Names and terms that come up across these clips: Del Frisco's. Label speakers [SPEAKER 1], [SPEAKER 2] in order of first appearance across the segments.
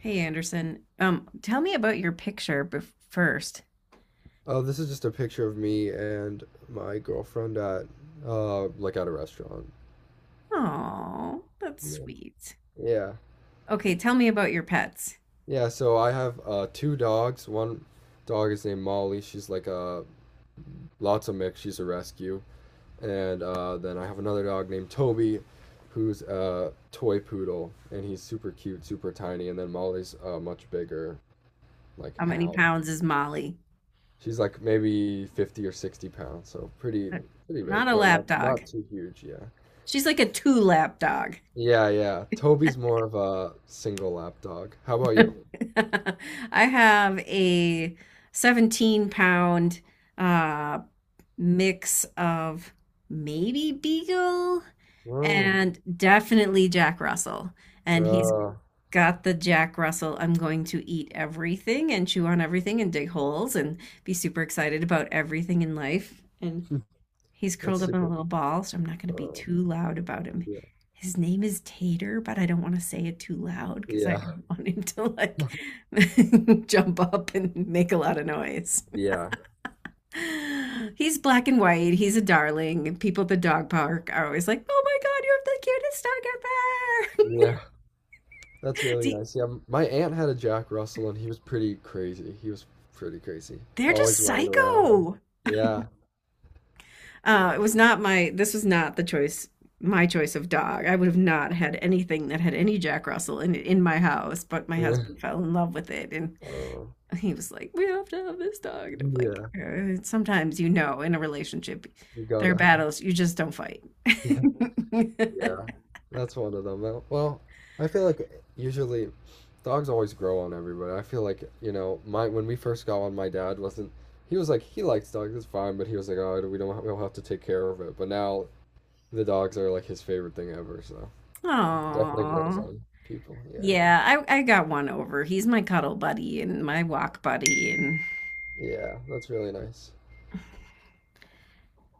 [SPEAKER 1] Hey Anderson, tell me about your picture bef first.
[SPEAKER 2] Oh, this is just a picture of me and my girlfriend at like at a restaurant.
[SPEAKER 1] Oh, that's
[SPEAKER 2] Yeah.
[SPEAKER 1] sweet.
[SPEAKER 2] Yeah.
[SPEAKER 1] Okay, tell me about your pets.
[SPEAKER 2] Yeah, so I have two dogs. One dog is named Molly. She's like a lots of mix. She's a rescue. And then I have another dog named Toby who's a toy poodle and he's super cute, super tiny, and then Molly's a much bigger like
[SPEAKER 1] How many
[SPEAKER 2] hound.
[SPEAKER 1] pounds is Molly?
[SPEAKER 2] She's like maybe 50 or 60 pounds, so pretty
[SPEAKER 1] Uh,
[SPEAKER 2] pretty big,
[SPEAKER 1] Not a
[SPEAKER 2] but
[SPEAKER 1] lap
[SPEAKER 2] not
[SPEAKER 1] dog.
[SPEAKER 2] not too huge, yeah.
[SPEAKER 1] She's like a two lap dog.
[SPEAKER 2] Yeah, yeah. Toby's more of a single lap dog. How about you?
[SPEAKER 1] I have a 17 pound uh mix of maybe Beagle
[SPEAKER 2] Oh,
[SPEAKER 1] and definitely Jack Russell. And he's
[SPEAKER 2] oh,
[SPEAKER 1] got the Jack Russell, I'm going to eat everything and chew on everything and dig holes and be super excited about everything in life. And he's
[SPEAKER 2] that's
[SPEAKER 1] curled up in a
[SPEAKER 2] super.
[SPEAKER 1] little ball, so I'm not going to be
[SPEAKER 2] Oh,
[SPEAKER 1] too loud about him.
[SPEAKER 2] yeah,
[SPEAKER 1] His name is Tater, but I don't want to say it too loud because I
[SPEAKER 2] yeah,
[SPEAKER 1] don't want him to like jump up and make a lot of noise.
[SPEAKER 2] yeah,
[SPEAKER 1] He's black and white. He's a darling. And People at the dog park are always like, "Oh my God, you have the cutest dog
[SPEAKER 2] yeah. That's really
[SPEAKER 1] ever!"
[SPEAKER 2] nice. Yeah, my aunt had a Jack Russell, and he was pretty crazy. He was pretty crazy,
[SPEAKER 1] They're
[SPEAKER 2] always
[SPEAKER 1] just
[SPEAKER 2] running around.
[SPEAKER 1] psycho.
[SPEAKER 2] Yeah.
[SPEAKER 1] It
[SPEAKER 2] Yeah.
[SPEAKER 1] was not my. This was not the choice. My choice of dog. I would have not had anything that had any Jack Russell in my house, but my husband fell in love with it, and
[SPEAKER 2] Oh,
[SPEAKER 1] he was like, "We have to have this dog." And I'm
[SPEAKER 2] yeah,
[SPEAKER 1] like, "Sometimes, you know, in a relationship,
[SPEAKER 2] you
[SPEAKER 1] there are
[SPEAKER 2] gotta.
[SPEAKER 1] battles you just don't fight."
[SPEAKER 2] Yeah. Yeah, that's one of them. Well, I feel like usually dogs always grow on everybody. I feel like, you know, my when we first got one, my dad wasn't he was like he likes dogs, it's fine, but he was like, "Oh, we don't we'll have to take care of it." But now the dogs are like his favorite thing ever, so it definitely grows
[SPEAKER 1] Aww.
[SPEAKER 2] on people. Yeah.
[SPEAKER 1] Yeah, I got one over. He's my cuddle buddy and my walk buddy. And
[SPEAKER 2] Yeah, that's really nice.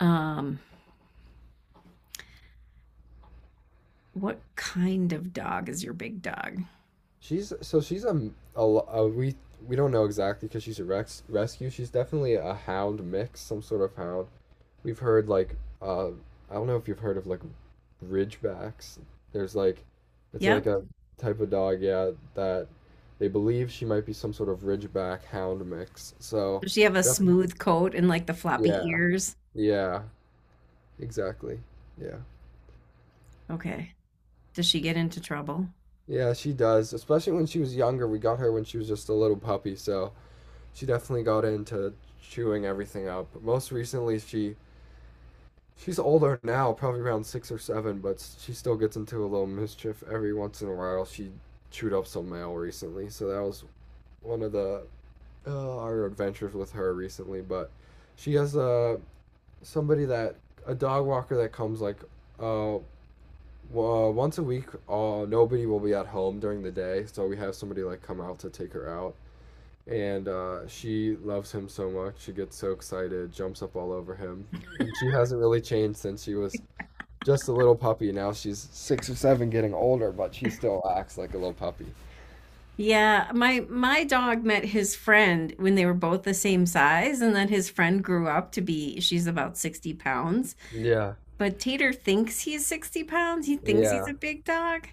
[SPEAKER 1] um, what kind of dog is your big dog?
[SPEAKER 2] She's so she's a we don't know exactly because she's a rex rescue. She's definitely a hound mix, some sort of hound. We've heard like uh I don't know if you've heard of like Ridgebacks. There's like, it's like
[SPEAKER 1] Yep.
[SPEAKER 2] a type of dog, yeah, that they believe she might be some sort of Ridgeback hound mix. So,
[SPEAKER 1] Does she have a
[SPEAKER 2] yep.
[SPEAKER 1] smooth coat and like the floppy
[SPEAKER 2] Yeah,
[SPEAKER 1] ears?
[SPEAKER 2] yeah, exactly. Yeah.
[SPEAKER 1] Okay. Does she get into trouble?
[SPEAKER 2] Yeah, she does. Especially when she was younger. We got her when she was just a little puppy, so she definitely got into chewing everything up. But most recently, she's older now, probably around six or seven, but she still gets into a little mischief every once in a while. She chewed up some mail recently, so that was one of the our adventures with her recently, but she has a somebody that a dog walker that comes like uh, once a week. Nobody will be at home during the day, so we have somebody like come out to take her out, and she loves him so much. She gets so excited, jumps up all over him, and she hasn't really changed since she was just a little puppy. Now she's six or seven, getting older, but she still acts like a little puppy.
[SPEAKER 1] Yeah, my dog met his friend when they were both the same size, and then his friend grew up to be she's about 60 pounds,
[SPEAKER 2] Yeah,
[SPEAKER 1] but Tater thinks he's 60 pounds. He thinks he's
[SPEAKER 2] yeah,
[SPEAKER 1] a big dog,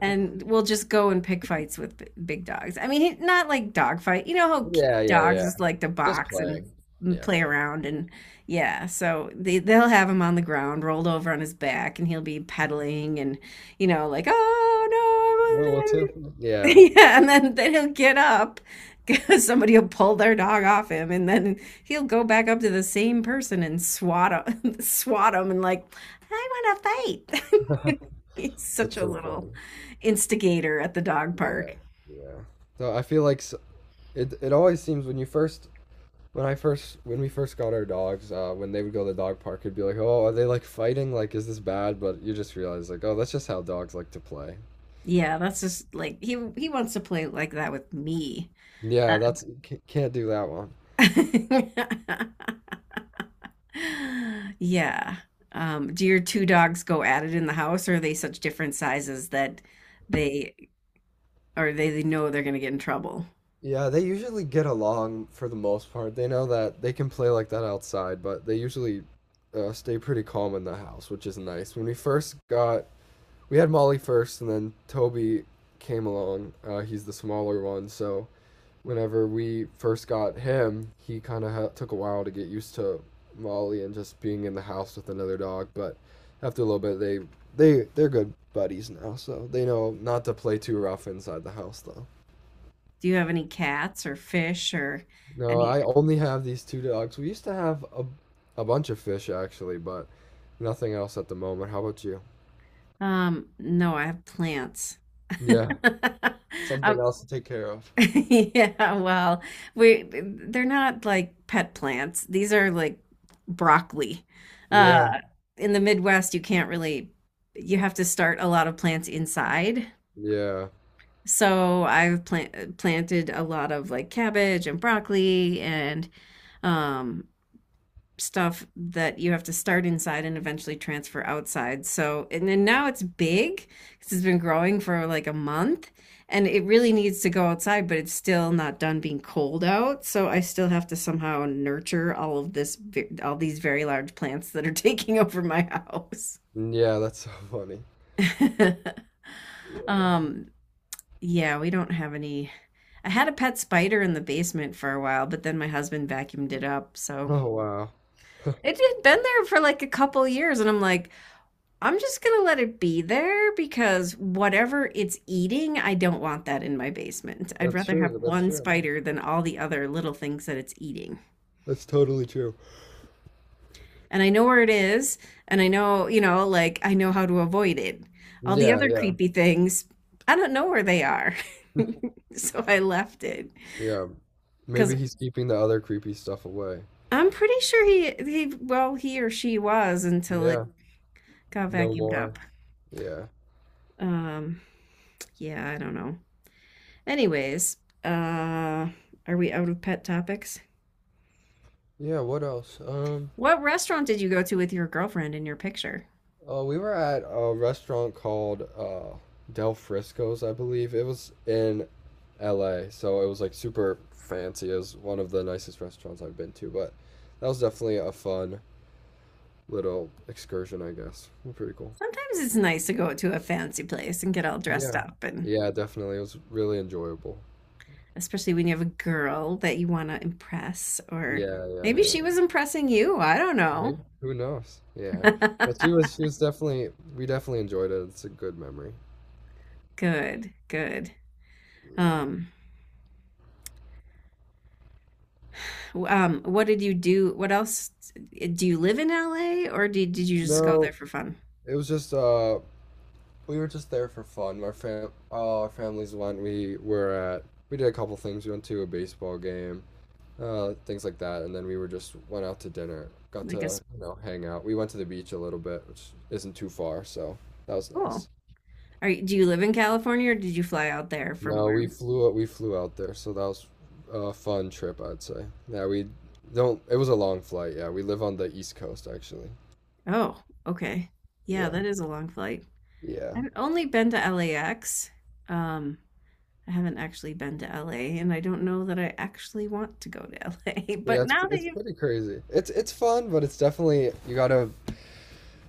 [SPEAKER 1] and we will just go and pick fights with big dogs. I mean, not like dog fight. You know how
[SPEAKER 2] yeah, yeah,
[SPEAKER 1] dogs
[SPEAKER 2] yeah.
[SPEAKER 1] just like to
[SPEAKER 2] Just
[SPEAKER 1] box
[SPEAKER 2] playing.
[SPEAKER 1] and
[SPEAKER 2] Yeah.
[SPEAKER 1] play around and yeah. So they'll have him on the ground, rolled over on his back, and he'll be pedaling and, you know, like, oh no.
[SPEAKER 2] Bro, what's happening? Yeah,
[SPEAKER 1] Yeah, and then he'll get up because somebody will pull their dog off him, and then he'll go back up to the same person and swat him, swat him, and like, I want to fight. He's such
[SPEAKER 2] that's
[SPEAKER 1] a
[SPEAKER 2] so
[SPEAKER 1] little
[SPEAKER 2] funny.
[SPEAKER 1] instigator at the dog
[SPEAKER 2] Yeah,
[SPEAKER 1] park.
[SPEAKER 2] yeah. So I feel like it always seems when you first, when I first, when we first got our dogs, when they would go to the dog park, it'd be like, oh, are they like fighting? Like, is this bad? But you just realize like, oh, that's just how dogs like to play.
[SPEAKER 1] Yeah, that's just like he wants to play like that with me. Uh,
[SPEAKER 2] Yeah, that's can't do that one.
[SPEAKER 1] Yeah. Do your two dogs go at it in the house, or are they such different sizes that they? they know they're going to get in trouble.
[SPEAKER 2] Yeah, they usually get along for the most part. They know that they can play like that outside, but they usually stay pretty calm in the house, which is nice. When we first got we had Molly first, and then Toby came along. He's the smaller one, so whenever we first got him, he kind of took a while to get used to Molly and just being in the house with another dog. But after a little bit, they're good buddies now, so they know not to play too rough inside the house though.
[SPEAKER 1] Do you have any cats or fish or
[SPEAKER 2] No,
[SPEAKER 1] any?
[SPEAKER 2] I only have these two dogs. We used to have a bunch of fish actually, but nothing else at the moment. How about you?
[SPEAKER 1] No, I have plants.
[SPEAKER 2] Yeah, something
[SPEAKER 1] Um,
[SPEAKER 2] else to take care of.
[SPEAKER 1] yeah, well, we they're not like pet plants. These are like broccoli.
[SPEAKER 2] Yeah,
[SPEAKER 1] Uh, in the Midwest, you can't really, you have to start a lot of plants inside.
[SPEAKER 2] yeah.
[SPEAKER 1] So planted a lot of like cabbage and broccoli and um stuff that you have to start inside and eventually transfer outside. So, and then now it's big because it's been growing for like a month and it really needs to go outside, but it's still not done being cold out. So I still have to somehow nurture all these very large plants that are taking over my house.
[SPEAKER 2] Mm, yeah, that's so funny. Yeah.
[SPEAKER 1] um, yeah, we don't have any. I had a pet spider in the basement for a while, but then my husband vacuumed it up. So
[SPEAKER 2] Oh wow.
[SPEAKER 1] it had been there for like a couple years, and I'm like, I'm just going to let it be there because whatever it's eating, I don't want that in my basement. I'd
[SPEAKER 2] That's
[SPEAKER 1] rather have
[SPEAKER 2] true. That's
[SPEAKER 1] one
[SPEAKER 2] true.
[SPEAKER 1] spider than all the other little things that it's eating.
[SPEAKER 2] That's totally true.
[SPEAKER 1] And I know where it is, and I know, you know, like, I know how to avoid it. All the
[SPEAKER 2] Yeah,
[SPEAKER 1] other
[SPEAKER 2] yeah,
[SPEAKER 1] creepy things, I don't know where they are. So I left it
[SPEAKER 2] yeah.
[SPEAKER 1] because
[SPEAKER 2] Maybe he's keeping the other creepy stuff away.
[SPEAKER 1] I'm pretty sure he well, he or she was until it
[SPEAKER 2] Yeah,
[SPEAKER 1] got
[SPEAKER 2] no
[SPEAKER 1] vacuumed
[SPEAKER 2] more.
[SPEAKER 1] up.
[SPEAKER 2] Yeah.
[SPEAKER 1] Um, yeah, I don't know. Anyways, uh, are we out of pet topics?
[SPEAKER 2] Yeah, what else?
[SPEAKER 1] What restaurant did you go to with your girlfriend in your picture?
[SPEAKER 2] We were at a restaurant called Del Frisco's, I believe. It was in LA, so it was like super fancy. It was one of the nicest restaurants I've been to, but that was definitely a fun little excursion, I guess. Pretty cool.
[SPEAKER 1] Sometimes it's nice to go to a fancy place and get all dressed
[SPEAKER 2] Yeah.
[SPEAKER 1] up, and
[SPEAKER 2] Yeah, definitely. It was really enjoyable.
[SPEAKER 1] especially when you have a girl that you want to impress, or
[SPEAKER 2] Yeah, yeah,
[SPEAKER 1] maybe
[SPEAKER 2] yeah.
[SPEAKER 1] she was impressing you. I don't know.
[SPEAKER 2] Maybe. Who knows? Yeah. But she was she was definitely we definitely enjoyed it. It's a good memory.
[SPEAKER 1] Good, good. Um, what did you do? What else? Do you live in LA, or did you just go there
[SPEAKER 2] No,
[SPEAKER 1] for fun?
[SPEAKER 2] it was just we were just there for fun. Our fam all our families went. We were at we did a couple things. We went to a baseball game, things like that, and then we were just went out to dinner. Got
[SPEAKER 1] Like a
[SPEAKER 2] to, you know, hang out. We went to the beach a little bit, which isn't too far, so that was
[SPEAKER 1] school?
[SPEAKER 2] nice.
[SPEAKER 1] Do you live in California, or did you fly out there from
[SPEAKER 2] No, we
[SPEAKER 1] where?
[SPEAKER 2] flew we flew out there, so that was a fun trip, I'd say. Yeah, we don't it was a long flight. Yeah, we live on the East Coast actually.
[SPEAKER 1] Oh, okay. Yeah,
[SPEAKER 2] Yeah.
[SPEAKER 1] that is a long flight.
[SPEAKER 2] Yeah.
[SPEAKER 1] I've only been to LAX. Um, I haven't actually been to LA, and I don't know that I actually want to go to LA.
[SPEAKER 2] Yeah,
[SPEAKER 1] But
[SPEAKER 2] it's
[SPEAKER 1] now that
[SPEAKER 2] it's
[SPEAKER 1] you
[SPEAKER 2] pretty crazy. It's fun, but it's definitely you gotta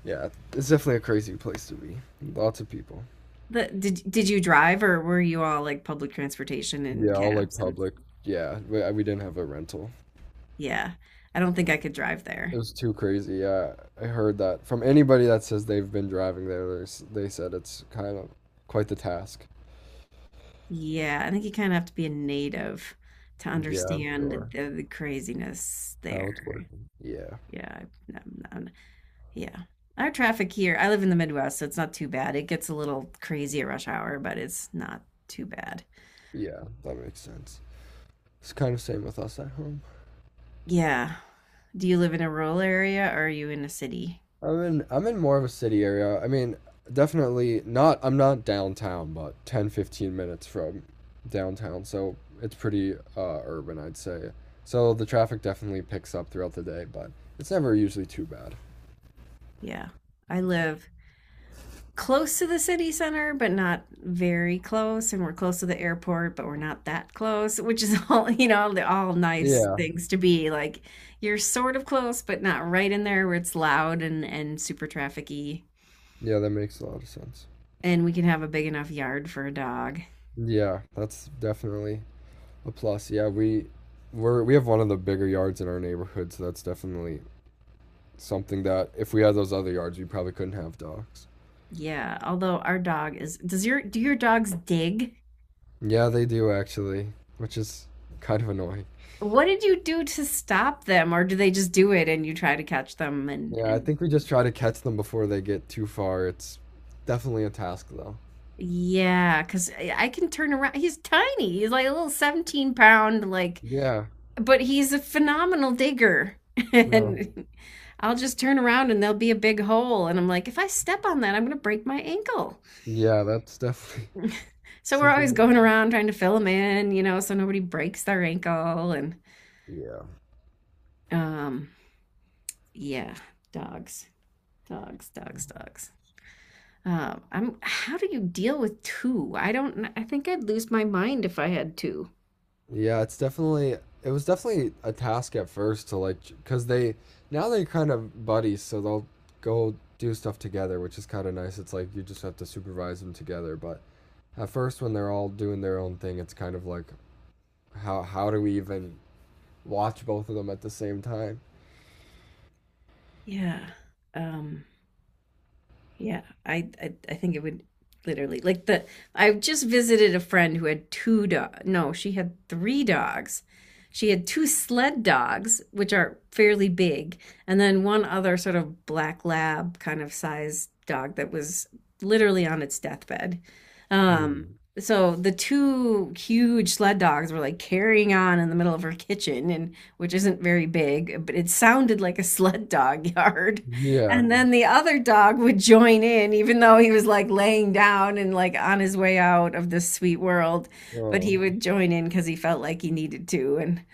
[SPEAKER 2] yeah, it's definitely a crazy place to be. Lots of people.
[SPEAKER 1] the did you drive or were you all like public transportation and
[SPEAKER 2] Yeah, all like
[SPEAKER 1] cabs and
[SPEAKER 2] public. Yeah, we didn't have a rental.
[SPEAKER 1] yeah, I don't think I could drive there.
[SPEAKER 2] It was too crazy. Yeah, I heard that from anybody that says they've been driving there. They said it's kind of quite the task.
[SPEAKER 1] Yeah, I think you kind of have to be a native to
[SPEAKER 2] Yeah, I'm
[SPEAKER 1] understand
[SPEAKER 2] sure.
[SPEAKER 1] the craziness
[SPEAKER 2] How it's
[SPEAKER 1] there.
[SPEAKER 2] working. Yeah,
[SPEAKER 1] Yeah, I- no, no. Yeah. Our traffic here, I live in the Midwest, so it's not too bad. It gets a little crazy at rush hour, but it's not too bad.
[SPEAKER 2] yeah, that makes sense. It's kind of same with us at home.
[SPEAKER 1] Yeah. Do you live in a rural area or are you in a city?
[SPEAKER 2] I'm in more of a city area. I mean, definitely not. I'm not downtown, but 10, 15 minutes from downtown, so it's pretty urban, I'd say. So the traffic definitely picks up throughout the day, but it's never usually too bad.
[SPEAKER 1] Yeah. I live close to the city center, but not very close. And we're close to the airport, but we're not that close, which is all, you know, all nice
[SPEAKER 2] Yeah,
[SPEAKER 1] things to be. Like, you're sort of close, but not right in there where it's loud and super trafficy.
[SPEAKER 2] yeah, that makes a lot of sense.
[SPEAKER 1] And we can have a big enough yard for a dog.
[SPEAKER 2] Yeah, that's definitely a plus. Yeah, we we're we have one of the bigger yards in our neighborhood, so that's definitely something that if we had those other yards, we probably couldn't have dogs.
[SPEAKER 1] Yeah, although does your do your dogs dig?
[SPEAKER 2] Yeah, they do actually, which is kind of annoying.
[SPEAKER 1] What did you do to stop them, or do they just do it and you try to catch them and
[SPEAKER 2] Yeah, I
[SPEAKER 1] and
[SPEAKER 2] think we just try to catch them before they get too far. It's definitely a task though.
[SPEAKER 1] yeah, because I can turn around. He's tiny. He's like a little 17 pound, like,
[SPEAKER 2] Yeah.
[SPEAKER 1] but he's a phenomenal digger.
[SPEAKER 2] No.
[SPEAKER 1] And I'll just turn around and there'll be a big hole. And I'm like, if I step on that, I'm gonna break my ankle.
[SPEAKER 2] Yeah, that's definitely
[SPEAKER 1] So we're
[SPEAKER 2] something.
[SPEAKER 1] always
[SPEAKER 2] That,
[SPEAKER 1] going around trying to fill them in, you know, so nobody breaks their ankle. And
[SPEAKER 2] yeah.
[SPEAKER 1] um, yeah, dogs. Dogs, dogs, dogs. I'm. How do you deal with two? I don't. I think I'd lose my mind if I had two.
[SPEAKER 2] Yeah, it was definitely a task at first to like because they now they're kind of buddies, so they'll go do stuff together, which is kind of nice. It's like you just have to supervise them together, but at first when they're all doing their own thing, it's kind of like how do we even watch both of them at the same time?
[SPEAKER 1] Yeah. Um. Yeah, I think it would literally like the I just visited a friend who had two dog. No, she had three dogs. She had two sled dogs, which are fairly big, and then one other sort of black lab kind of size dog that was literally on its deathbed. Um,
[SPEAKER 2] Hmm.
[SPEAKER 1] so the two huge sled dogs were like carrying on in the middle of her kitchen, and which isn't very big, but it sounded like a sled dog yard.
[SPEAKER 2] Yeah.
[SPEAKER 1] And then the other dog would join in, even though he was like laying down and like on his way out of this sweet world. But he
[SPEAKER 2] Oh.
[SPEAKER 1] would join in because he felt like he needed to. And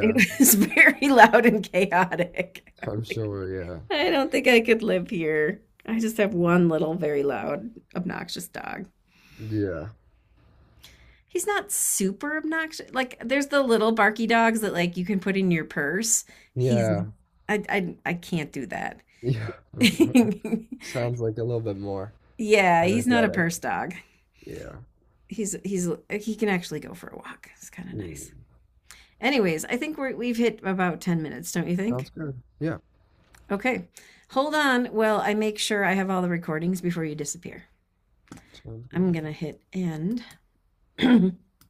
[SPEAKER 1] it was very loud and chaotic. I'm
[SPEAKER 2] I'm
[SPEAKER 1] like,
[SPEAKER 2] sure. Yeah.
[SPEAKER 1] I don't think I could live here. I just have one little, very loud, obnoxious dog.
[SPEAKER 2] Yeah.
[SPEAKER 1] He's not super obnoxious. Like, there's the little barky dogs that like you can put in your purse. He's,
[SPEAKER 2] Yeah.
[SPEAKER 1] I can't do that.
[SPEAKER 2] Yeah. I'm sure. Sounds like a little bit more
[SPEAKER 1] Yeah, he's not a
[SPEAKER 2] energetic.
[SPEAKER 1] purse dog.
[SPEAKER 2] Yeah.
[SPEAKER 1] he's he's he can actually go for a walk. It's kind of
[SPEAKER 2] Hmm.
[SPEAKER 1] nice. Anyways, I think we've hit about 10 minutes, don't you
[SPEAKER 2] Sounds
[SPEAKER 1] think?
[SPEAKER 2] good. Yeah,
[SPEAKER 1] Okay. Hold on while I make sure I have all the recordings before you disappear.
[SPEAKER 2] sounds
[SPEAKER 1] I'm
[SPEAKER 2] good.
[SPEAKER 1] going to hit end.